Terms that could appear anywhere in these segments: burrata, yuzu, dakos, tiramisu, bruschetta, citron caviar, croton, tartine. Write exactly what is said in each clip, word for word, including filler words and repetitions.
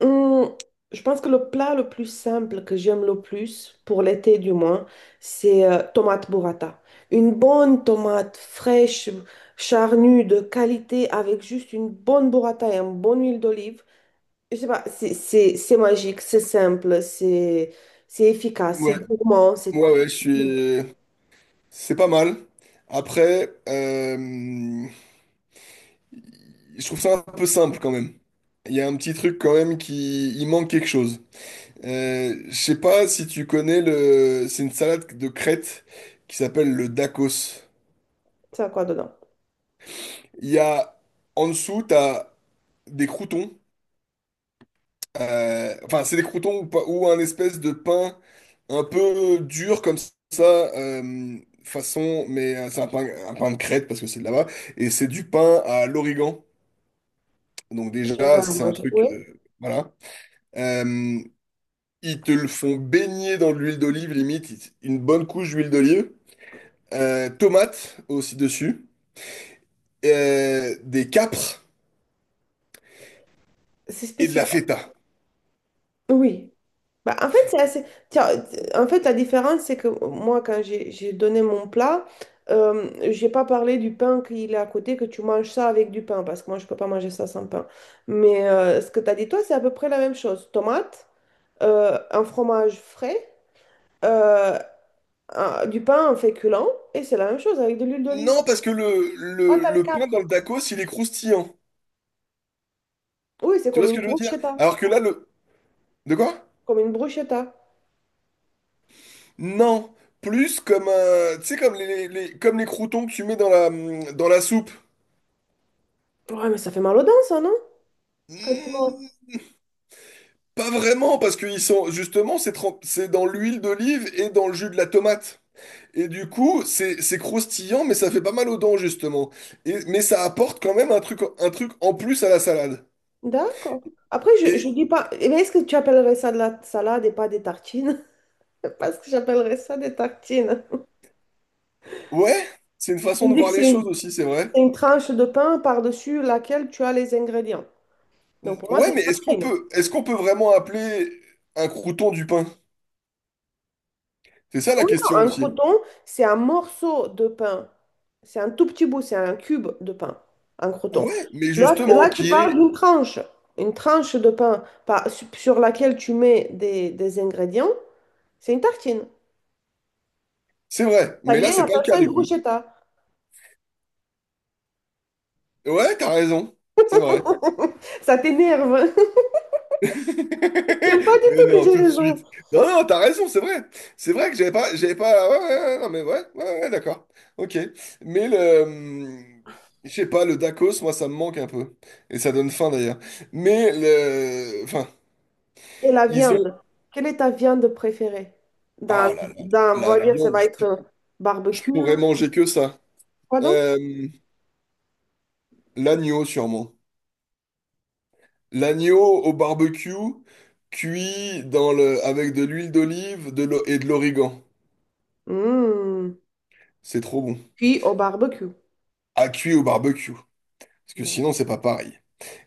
Hum, je pense que le plat le plus simple que j'aime le plus, pour l'été du moins, c'est euh, tomate burrata. Une bonne tomate fraîche, charnue, de qualité, avec juste une bonne burrata et une bonne huile d'olive. Je sais pas, c'est c'est- c'est magique, c'est simple, c'est c'est efficace, c'est Ouais, gourmand, c'est ouais, tout. ouais, je suis. C'est pas mal. Après, euh, je trouve ça un peu simple quand même. Il y a un petit truc quand même qui. Il manque quelque chose. Euh, je sais pas si tu connais le. C'est une salade de Crète qui s'appelle le dakos. Ça a quoi dedans? Il y a. En dessous, t'as des croûtons. Euh, enfin, c'est des croutons ou, pas- ou un espèce de pain un peu dur comme ça, euh, façon, mais euh, c'est un pain, un pain de crête parce que c'est de là-bas. Et c'est du pain à l'origan. Donc Je vais déjà, la c'est un manger. truc, Oui, euh, voilà. Euh, Ils te le font baigner dans de l'huile d'olive, limite, ils- une bonne couche d'huile d'olive. Euh, tomates aussi dessus. Euh, des capres c'est et de spécial. la feta. Oui. Bah, en fait, c'est assez... Tiens, en fait, la différence, c'est que moi, quand j'ai j'ai donné mon plat, euh, j'ai pas parlé du pain qu'il est à côté, que tu manges ça avec du pain, parce que moi, je peux pas manger ça sans pain. Mais euh, ce que tu as dit, toi, c'est à peu près la même chose. Tomate, euh, un fromage frais, euh, un- du pain en féculent, et c'est la même chose avec de l'huile d'olive. Non, parce que le, Ah, le, t'as les le pain dans capres. le tacos, il est croustillant. Oui, c'est Tu comme vois ce une que je veux dire? bruschetta. Alors que là, le, De quoi? Comme une bruschetta. Non, plus comme un, tu sais comme les, les- comme les croutons que tu mets dans la hum, dans la soupe. Ouais, mais ça fait mal aux dents, ça, non? Quand tu manges. Hmm. Pas vraiment parce qu'ils sont justement c'est trem- c'est dans l'huile d'olive et dans le jus de la tomate. Et du coup, c'est c'est croustillant mais ça fait pas mal aux dents justement. Et mais ça apporte quand même un truc un truc en plus à la salade. D'accord. Après, je, je Et dis pas. Eh bien, est-ce que tu appellerais ça de la salade et pas des tartines? Parce que j'appellerais ça des tartines. ouais, c'est une Je façon de dis que voir les c'est choses une, aussi, c'est vrai. c'est une tranche de pain par-dessus laquelle tu as les ingrédients. Hmm. Donc pour moi, c'est Ouais, une mais est-ce qu'on tartine. peut est-ce qu'on peut vraiment appeler un crouton du pain? C'est ça Ah la oui, non, question un aussi. croton, c'est un morceau de pain. C'est un tout petit bout, c'est un cube de pain, un croton. Ouais, mais Là, justement, là, tu qui parles est... d'une tranche. Une tranche de pain par- sur laquelle tu mets des, des ingrédients, c'est une tartine. C'est vrai, mais là, Italien c'est pas appelle le cas ça une du coup. bruschetta. Ouais, t'as raison, c'est vrai. Ça t'énerve. J'aime pas du Mais tout que non, j'ai tout de raison. suite. Non, non, t'as raison, c'est vrai. C'est vrai que j'avais pas... J'avais pas... Ouais, ouais, ouais, non, mais ouais, ouais, ouais, d'accord. Ok. Mais le... hum, Je sais pas, le Dakos, moi, ça me manque un peu. Et ça donne faim, d'ailleurs. Mais le... Enfin, Et la ils ont... viande. Quelle est ta viande préférée? Dans, Oh là là, dans, on la va dire, ça viande, va je, pou- être je barbecue. pourrais manger que ça. Quoi donc? Euh, l'agneau, sûrement. L'agneau au barbecue, cuit dans le, avec de l'huile d'olive de l'o- et de l'origan. Mmh. C'est trop bon. Puis au barbecue. À cuire au barbecue. Parce que Bon. sinon, c'est pas pareil.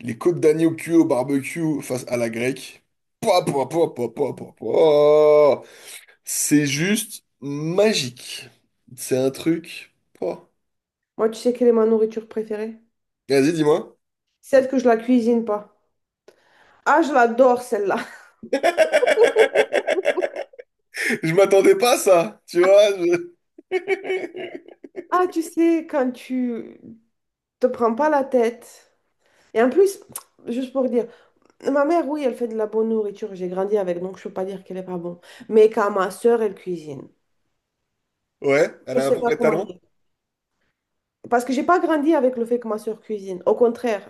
Les côtes d'agneau cuites au barbecue face à la grecque. Pouah, pouah, pouah, pouah, pouah, pouah, pouah. C'est juste magique. C'est un truc. Pouah. Moi, tu sais quelle est ma nourriture préférée? Vas-y, dis-moi. Celle que je la cuisine pas. Ah, je l'adore celle-là. Je m'attendais pas à ça. Tu vois. je- Ah, tu sais, quand tu te prends pas la tête. Et en plus, juste pour dire, ma mère, oui, elle fait de la bonne nourriture. J'ai grandi avec, donc je peux pas dire qu'elle est pas bonne. Mais quand ma soeur, elle cuisine. Ouais, elle Je a un sais pas vrai comment talent dire. Parce que j'ai pas grandi avec le fait que ma soeur cuisine. Au contraire,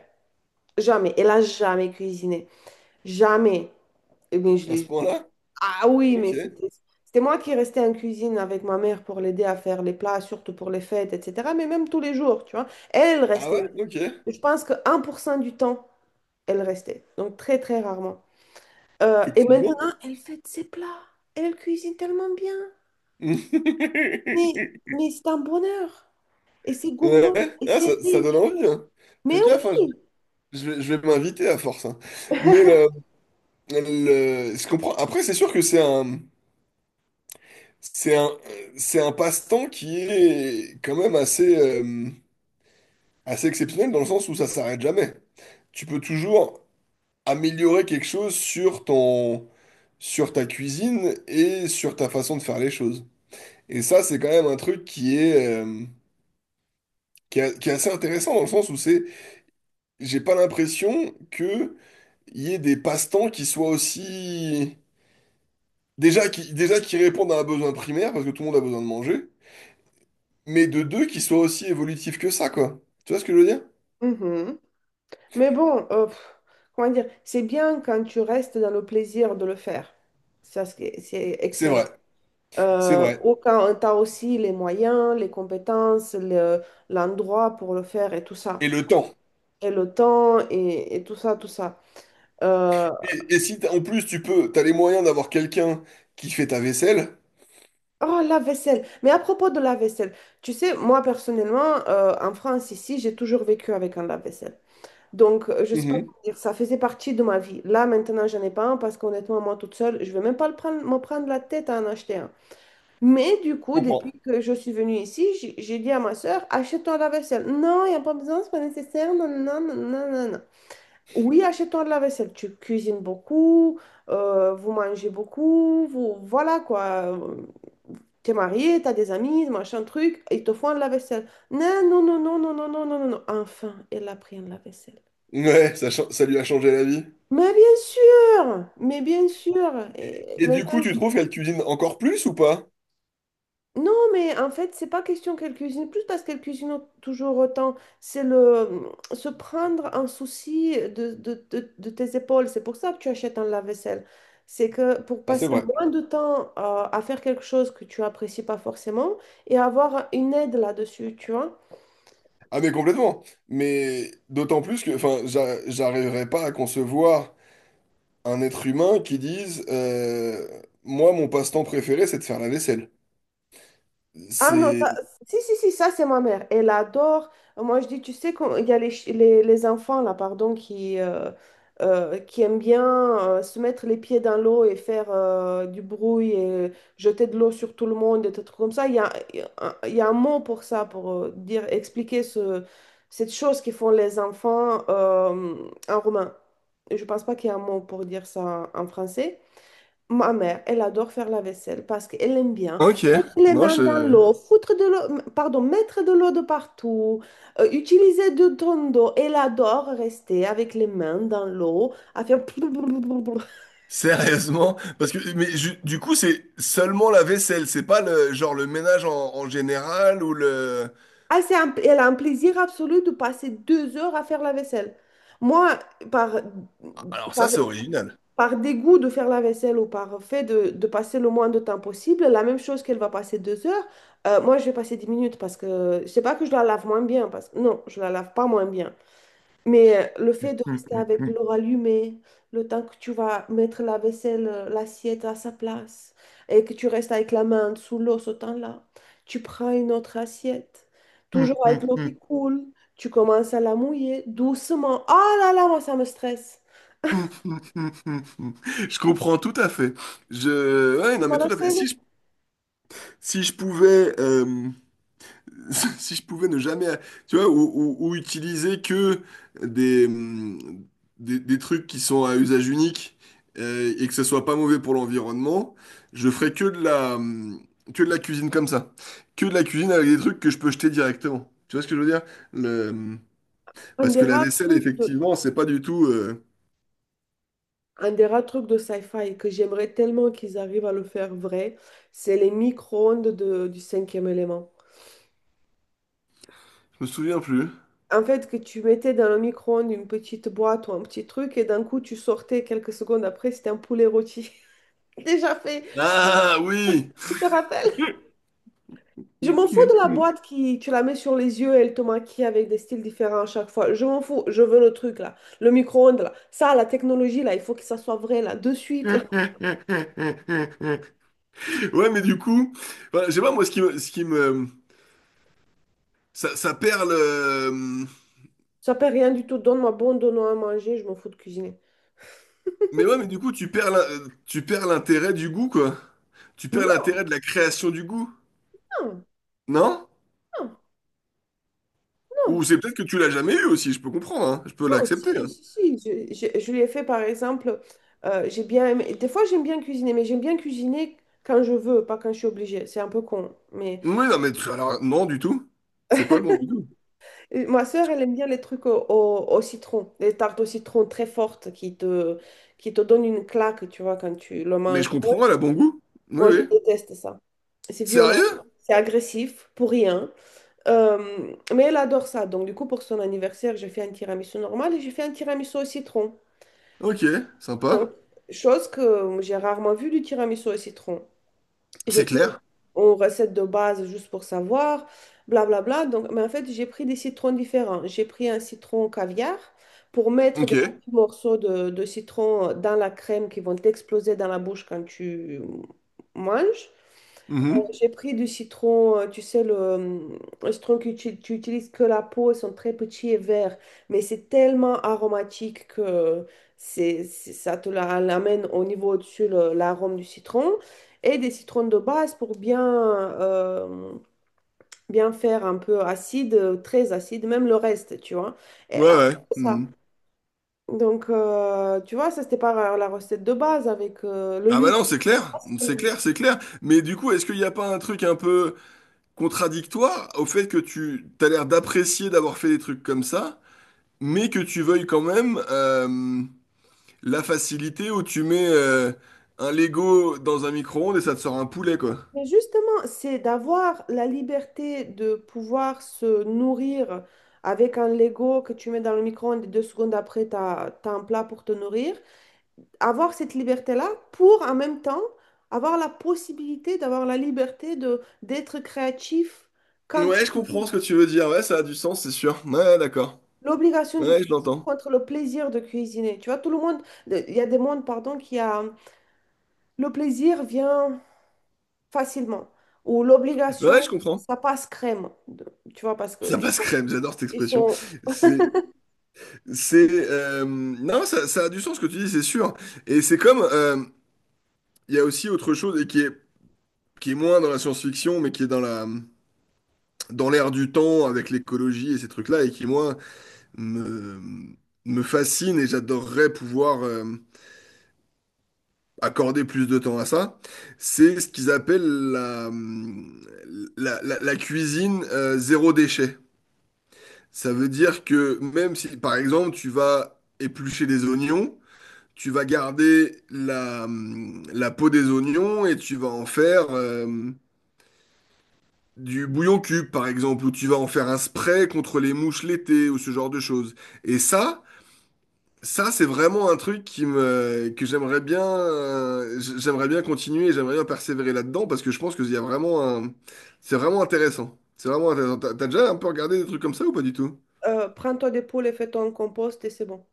jamais. Elle a jamais cuisiné. Jamais. Eh bien, je à ce l'ai- point-là. Ah oui, mais Ok. c'était c'était moi qui restais en cuisine avec ma mère pour l'aider à faire les plats, surtout pour les fêtes, et cetera. Mais même tous les jours, tu vois. Elle Ah restait. ouais? Ok. Je pense que un pour cent du temps, elle restait. Donc très, très rarement. Euh, et maintenant, Effectivement. elle fait ses plats. Elle cuisine tellement bien. Mais, mais c'est un bonheur. Et c'est gourmand. Ouais. Et Ah, c'est ça, ça donne riche. envie, hein. Mais Fais gaffe, hein, oui. je, je vais, je vais m'inviter à force, hein. Mais le, le- je comprends. Après, c'est sûr que c'est un, c'est un, c'est un passe-temps qui est quand même assez, euh, assez exceptionnel dans le sens où ça s'arrête jamais. Tu peux toujours améliorer quelque chose sur ton, sur ta cuisine et sur ta façon de faire les choses. Et ça, c'est quand même un truc qui est, euh, qui est, qui est assez intéressant dans le sens où c'est, j'ai pas l'impression que il y ait des passe-temps qui soient aussi déjà qui déjà qui répondent à un besoin primaire parce que tout le monde a besoin de manger, mais de deux qui soient aussi évolutifs que ça quoi. Tu vois ce que je veux dire? Mhm. Mais bon, euh, pff, comment dire, c'est bien quand tu restes dans le plaisir de le faire. Ça, c'est c'est C'est vrai, excellent. c'est Euh, vrai. Ou quand tu as aussi les moyens, les compétences, le- l'endroit pour le faire et tout Et ça. le temps. Et le temps et, et tout ça, tout ça. Euh, Et, et si t'as- en plus tu peux, t'as les moyens d'avoir quelqu'un qui fait ta vaisselle. oh, la vaisselle. Mais à propos de la vaisselle, tu sais, moi personnellement, euh, en France, ici, j'ai toujours vécu avec un lave-vaisselle. Donc, euh, je sais pas Mhm, comment dire, ça faisait partie de ma vie. Là, maintenant, j'en ai pas un parce qu'honnêtement, moi toute seule, je vais même pas le prendre, me prendre la tête à en acheter un. Mais du coup, comprends. depuis que je suis venue ici, j'ai j'ai dit à ma soeur, achète-toi la vaisselle. Non, il n'y a pas besoin, c'est pas nécessaire. Non, non, non, non, non. Non. Oui, achète-toi de la vaisselle. Tu cuisines beaucoup, euh, vous mangez beaucoup, vous, voilà quoi. T'es marié, t'as des amis, machin truc, ils te font de la vaisselle. Non, non, non, non, non, non, non, non, non, non. Enfin, elle a pris un lave-vaisselle. Ouais, ça, cha- ça lui a changé la vie. Mais bien sûr, mais bien sûr. Et, Et et du coup, maintenant, tu trouves qu'elle cuisine encore plus ou pas? non, mais en fait, c'est pas question qu'elle cuisine plus parce qu'elle cuisine au- toujours autant. C'est le mmh, se prendre un souci de, de, de, de tes épaules. C'est pour ça que tu achètes un lave-vaisselle. C'est que pour Ah, c'est passer vrai. moins de temps euh, à faire quelque chose que tu apprécies pas forcément et avoir une aide là-dessus, tu vois. Ah mais complètement. Mais d'autant plus que, enfin, j'a- j'arriverais pas à concevoir un être humain qui dise, euh, moi, mon passe-temps préféré, c'est de faire la vaisselle. Ah non, C'est... ça, si, si, si, ça c'est ma mère. Elle adore. Moi je dis, tu sais, quand il y a les, ch- les, les enfants là, pardon, qui, euh, euh, qui aiment bien euh, se mettre les pieds dans l'eau et faire euh, du bruit et jeter de l'eau sur tout le monde et des trucs comme ça. Il y a, il y a un il y a un mot pour ça, pour euh, dire, expliquer ce, cette chose qu'ils font les enfants euh, en roumain. Je pense pas qu'il y a un mot pour dire ça en français. Ma mère, elle adore faire la vaisselle parce qu'elle aime bien. Ok, Les non, mains je... dans l'eau, foutre de l'eau, pardon, mettre de l'eau de partout, euh, utiliser de ton d'eau. Elle adore rester avec les mains dans l'eau, à faire plou, plou, plou, plou, plou. Sérieusement? Parce que, mais ju- du coup, c'est seulement la vaisselle, c'est pas le genre le ménage en, en général ou le... Ah, c'est un- elle a un plaisir absolu de passer deux heures à faire la vaisselle. Moi, par, Alors ça, par, c'est original. par dégoût de faire la vaisselle ou par fait de, de passer le moins de temps possible, la même chose qu'elle va passer deux heures, euh, moi je vais passer dix minutes parce que je sais pas que je la lave moins bien, parce que non, je la lave pas moins bien. Mais euh, le fait de rester avec l'eau allumée, le temps que tu vas mettre la vaisselle, euh, l'assiette à sa place, et que tu restes avec la main sous l'eau ce temps-là, tu prends une autre assiette, toujours avec l'eau qui coule, tu commences à la mouiller doucement. Ah là là, moi ça me stresse. Je comprends tout à fait. Je... Ouais, Tu non, mais vois la tout à fait. scène? Si je Si je pouvais, euh, si je pouvais ne jamais, tu vois, ou, ou- ou utiliser que des, hum, des, des trucs qui sont à usage unique euh, et que ce soit pas mauvais pour l'environnement, je ferais que de la, hum, que de la cuisine comme ça, que de la cuisine avec des trucs que je peux jeter directement. Tu vois ce que je veux dire? Le, hum, Un parce des que la rares vaisselle, trucs de, effectivement, c'est pas du tout. euh, un des rares trucs de sci-fi que j'aimerais tellement qu'ils arrivent à le faire vrai, c'est les micro-ondes de- du cinquième élément. Je me souviens plus. En fait, que tu mettais dans le micro-ondes une petite boîte ou un petit truc, et d'un coup, tu sortais quelques secondes après, c'était un poulet rôti. Déjà fait, je Ah oui! te rappelle. Je m'en fous de la boîte qui, tu la mets sur les yeux et elle te maquille avec des styles différents à chaque fois. Je m'en fous, je veux le truc là, le micro-ondes là. Ça, la technologie là, il faut que ça soit vrai là, de suite. Là. Ouais, mais du coup, enfin, je sais pas, moi, ce qui me, ce qui me, ça, ça perd le, Ça paie rien du tout, donne-moi bon, donne-moi à manger, je m'en fous de cuisiner. mais ouais, mais du coup, tu perds, l'in- tu perds l'intérêt du goût, quoi. Tu perds Non, l'intérêt de la création du goût, non, non? non, Ou non. c'est peut-être que tu l'as jamais eu aussi, je peux comprendre, hein. Je peux Non, l'accepter, hein. si, si, si. Je, je, je l'ai fait par exemple. euh, j'ai bien aimé- Des fois, j'aime bien cuisiner, mais j'aime bien cuisiner quand je veux, pas quand je suis obligée. C'est un peu con. Mais Oui, non, mais tu- alors, non, du tout. C'est pas bon du tout. Et ma sœur, elle aime bien les trucs au, au- au citron, les tartes au citron très fortes qui te, qui te donnent une claque, tu vois, quand tu le Mais je manges. Moi, comprends, elle a bon goût. Oui, moi, je oui. déteste ça. C'est violent, Sérieux? c'est agressif, pour rien. Euh, mais elle adore ça. Donc, du coup, pour son anniversaire, j'ai fait un tiramisu normal et j'ai fait un tiramisu au citron. Ok, Donc, sympa. chose que j'ai rarement vue du tiramisu au citron. J'ai C'est pris une clair. recette de base juste pour savoir, blablabla. Donc, mais en fait, j'ai pris des citrons différents. J'ai pris un citron caviar pour mettre Ok. des petits morceaux de, de citron dans la crème qui vont exploser dans la bouche quand tu manges. Mhm. J'ai pris du citron, euh, tu sais, le, euh, le citron que tu, tu utilises que la peau, ils sont très petits et verts, mais c'est tellement aromatique que c'est, c'est- ça te la- l'amène au niveau au-dessus le- l'arôme du citron. Et des citrons de base pour bien, euh, bien faire un peu acide, euh, très acide, même le reste, tu vois. Et Ouais, là, ouais. c'est ça. Mhm. Donc, euh, tu vois, ça, c'était pas la recette de base avec euh, le Ah bah yuzu. non, c'est clair. C'est clair, c'est clair. Mais du coup, est-ce qu'il n'y a pas un truc un peu... contradictoire au fait que tu t'as l'air d'apprécier d'avoir fait des trucs comme ça, mais que tu veuilles quand même euh, la facilité où tu mets euh, un Lego dans un micro-ondes et ça te sort un poulet, quoi. Mais justement, c'est d'avoir la liberté de pouvoir se nourrir avec un Lego que tu mets dans le micro-ondes et deux secondes après, tu as, un plat pour te nourrir. Avoir cette liberté-là pour en même temps avoir la possibilité d'avoir la liberté de d'être créatif quand Ouais, je on comprends ce dit que tu veux dire. Ouais, ça a du sens, c'est sûr. Ouais, d'accord. l'obligation de Ouais, je cuisiner l'entends. contre le plaisir de cuisiner. Tu vois, tout le monde, il y a des mondes, pardon, qui a le plaisir vient. Facilement. Ou l'obligation, Ouais, je comprends. ça passe crème. De- Tu vois, parce que Ça ils passe sont, crème, j'adore cette ils expression. sont, C'est, c'est, euh, non, ça, ça a du sens ce que tu dis, c'est sûr. Et c'est comme, euh, il y a aussi autre chose et qui est, qui est moins dans la science-fiction, mais qui est dans la, dans l'air du temps avec l'écologie et ces trucs-là, et qui, moi, me, me fascine et j'adorerais pouvoir euh, accorder plus de temps à ça, c'est ce qu'ils appellent la, la, la- la cuisine euh, zéro déchet. Ça veut dire que même si, par exemple, tu vas éplucher des oignons, tu vas garder la, la peau des oignons et tu vas en faire... euh, Du bouillon cube, par exemple, où tu vas en faire un spray contre les mouches l'été ou ce genre de choses. Et ça, ça, c'est vraiment un truc qui me, que j'aimerais bien, euh, j- j'aimerais bien continuer, j'aimerais bien persévérer là-dedans parce que je pense que il y a vraiment un, c'est vraiment intéressant. C'est vraiment intéressant. T'as t'as déjà un peu regardé des trucs comme ça ou pas du tout? euh, prends toi des poules et fais-toi un compost et c'est bon.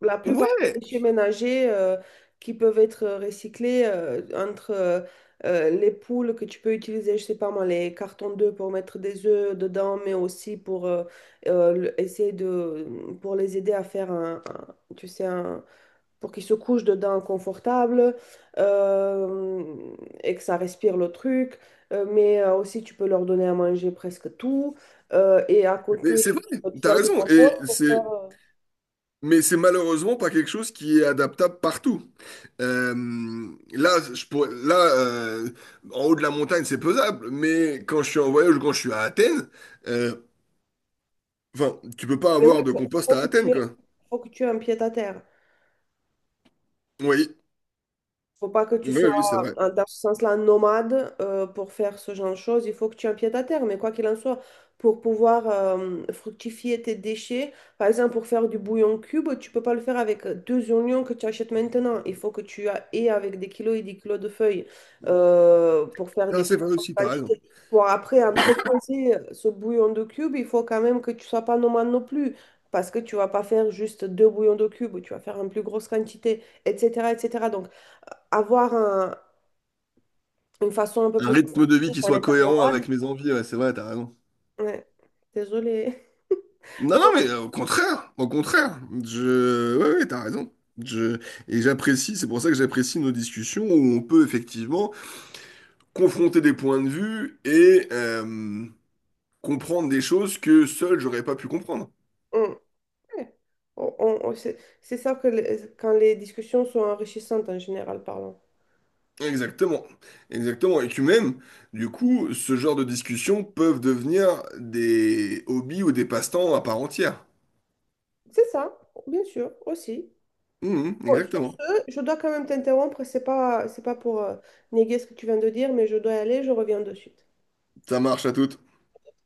La plupart des Ouais, déchets ménagers euh, qui peuvent être recyclés euh, entre euh, euh, les poules que tu peux utiliser, je sais pas moi, les cartons d'œufs pour mettre des œufs dedans, mais aussi pour euh, euh, le- essayer de pour les aider à faire un, un- tu sais, un pour qu'il se couche dedans confortable euh, et que ça respire le truc. Euh, mais euh, aussi, tu peux leur donner à manger presque tout. Euh, et à mais côté, c'est vrai, tu peux te t'as faire du raison. Et compost pour c'est faire... euh, Mais c'est malheureusement pas quelque chose qui est adaptable partout. Euh, là, je pourrais, là euh, en haut de la montagne, c'est pesable, mais quand je suis en voyage ou quand je suis à Athènes, euh, enfin, tu peux pas Mais oui, avoir il de faut, compost faut à que tu Athènes, aies, quoi. faut que tu aies un pied à terre. Oui, Faut pas que tu oui, sois, oui, c'est vrai. en- dans ce sens-là, nomade euh, pour faire ce genre de choses. Il faut que tu aies un pied à terre. Mais quoi qu'il en soit, pour pouvoir euh, fructifier tes déchets, par exemple, pour faire du bouillon cube, tu peux pas le faire avec deux oignons que tu achètes maintenant. Il faut que tu a- aies avec des kilos et des kilos de feuilles euh, pour faire des Ah, c'est plus vrai grosses aussi, t'as raison. quantités. Pour après entreposer ce bouillon de cube, il faut quand même que tu sois pas nomade non plus. Parce que tu vas pas faire juste deux bouillons de cube, tu vas faire une plus grosse quantité et cetera, et cetera. Donc, avoir un- une façon un peu Un plus rythme de vie énergique, qui un soit état cohérent nomade. avec mes envies, ouais, c'est vrai, t'as raison. Ouais, désolée. Non, non, Bon, mais euh, au contraire, au contraire, je, ouais, ouais, t'as raison. Je, et j'apprécie, c'est pour ça que j'apprécie nos discussions où on peut effectivement confronter des points de vue et euh, comprendre des choses que seul j'aurais pas pu comprendre. on- ouais. On- on- on- c'est c'est ça que les- quand les discussions sont enrichissantes en général parlant. Exactement, exactement. Et que même, du coup, ce genre de discussions peuvent devenir des hobbies ou des passe-temps à part entière. C'est ça, bien sûr, aussi. Mhm, Bon, sur exactement. ce, je dois quand même t'interrompre. C'est pas, c'est pas pour euh, néguer ce que tu viens de dire, mais je dois y aller, je reviens de suite. Ça marche à toutes.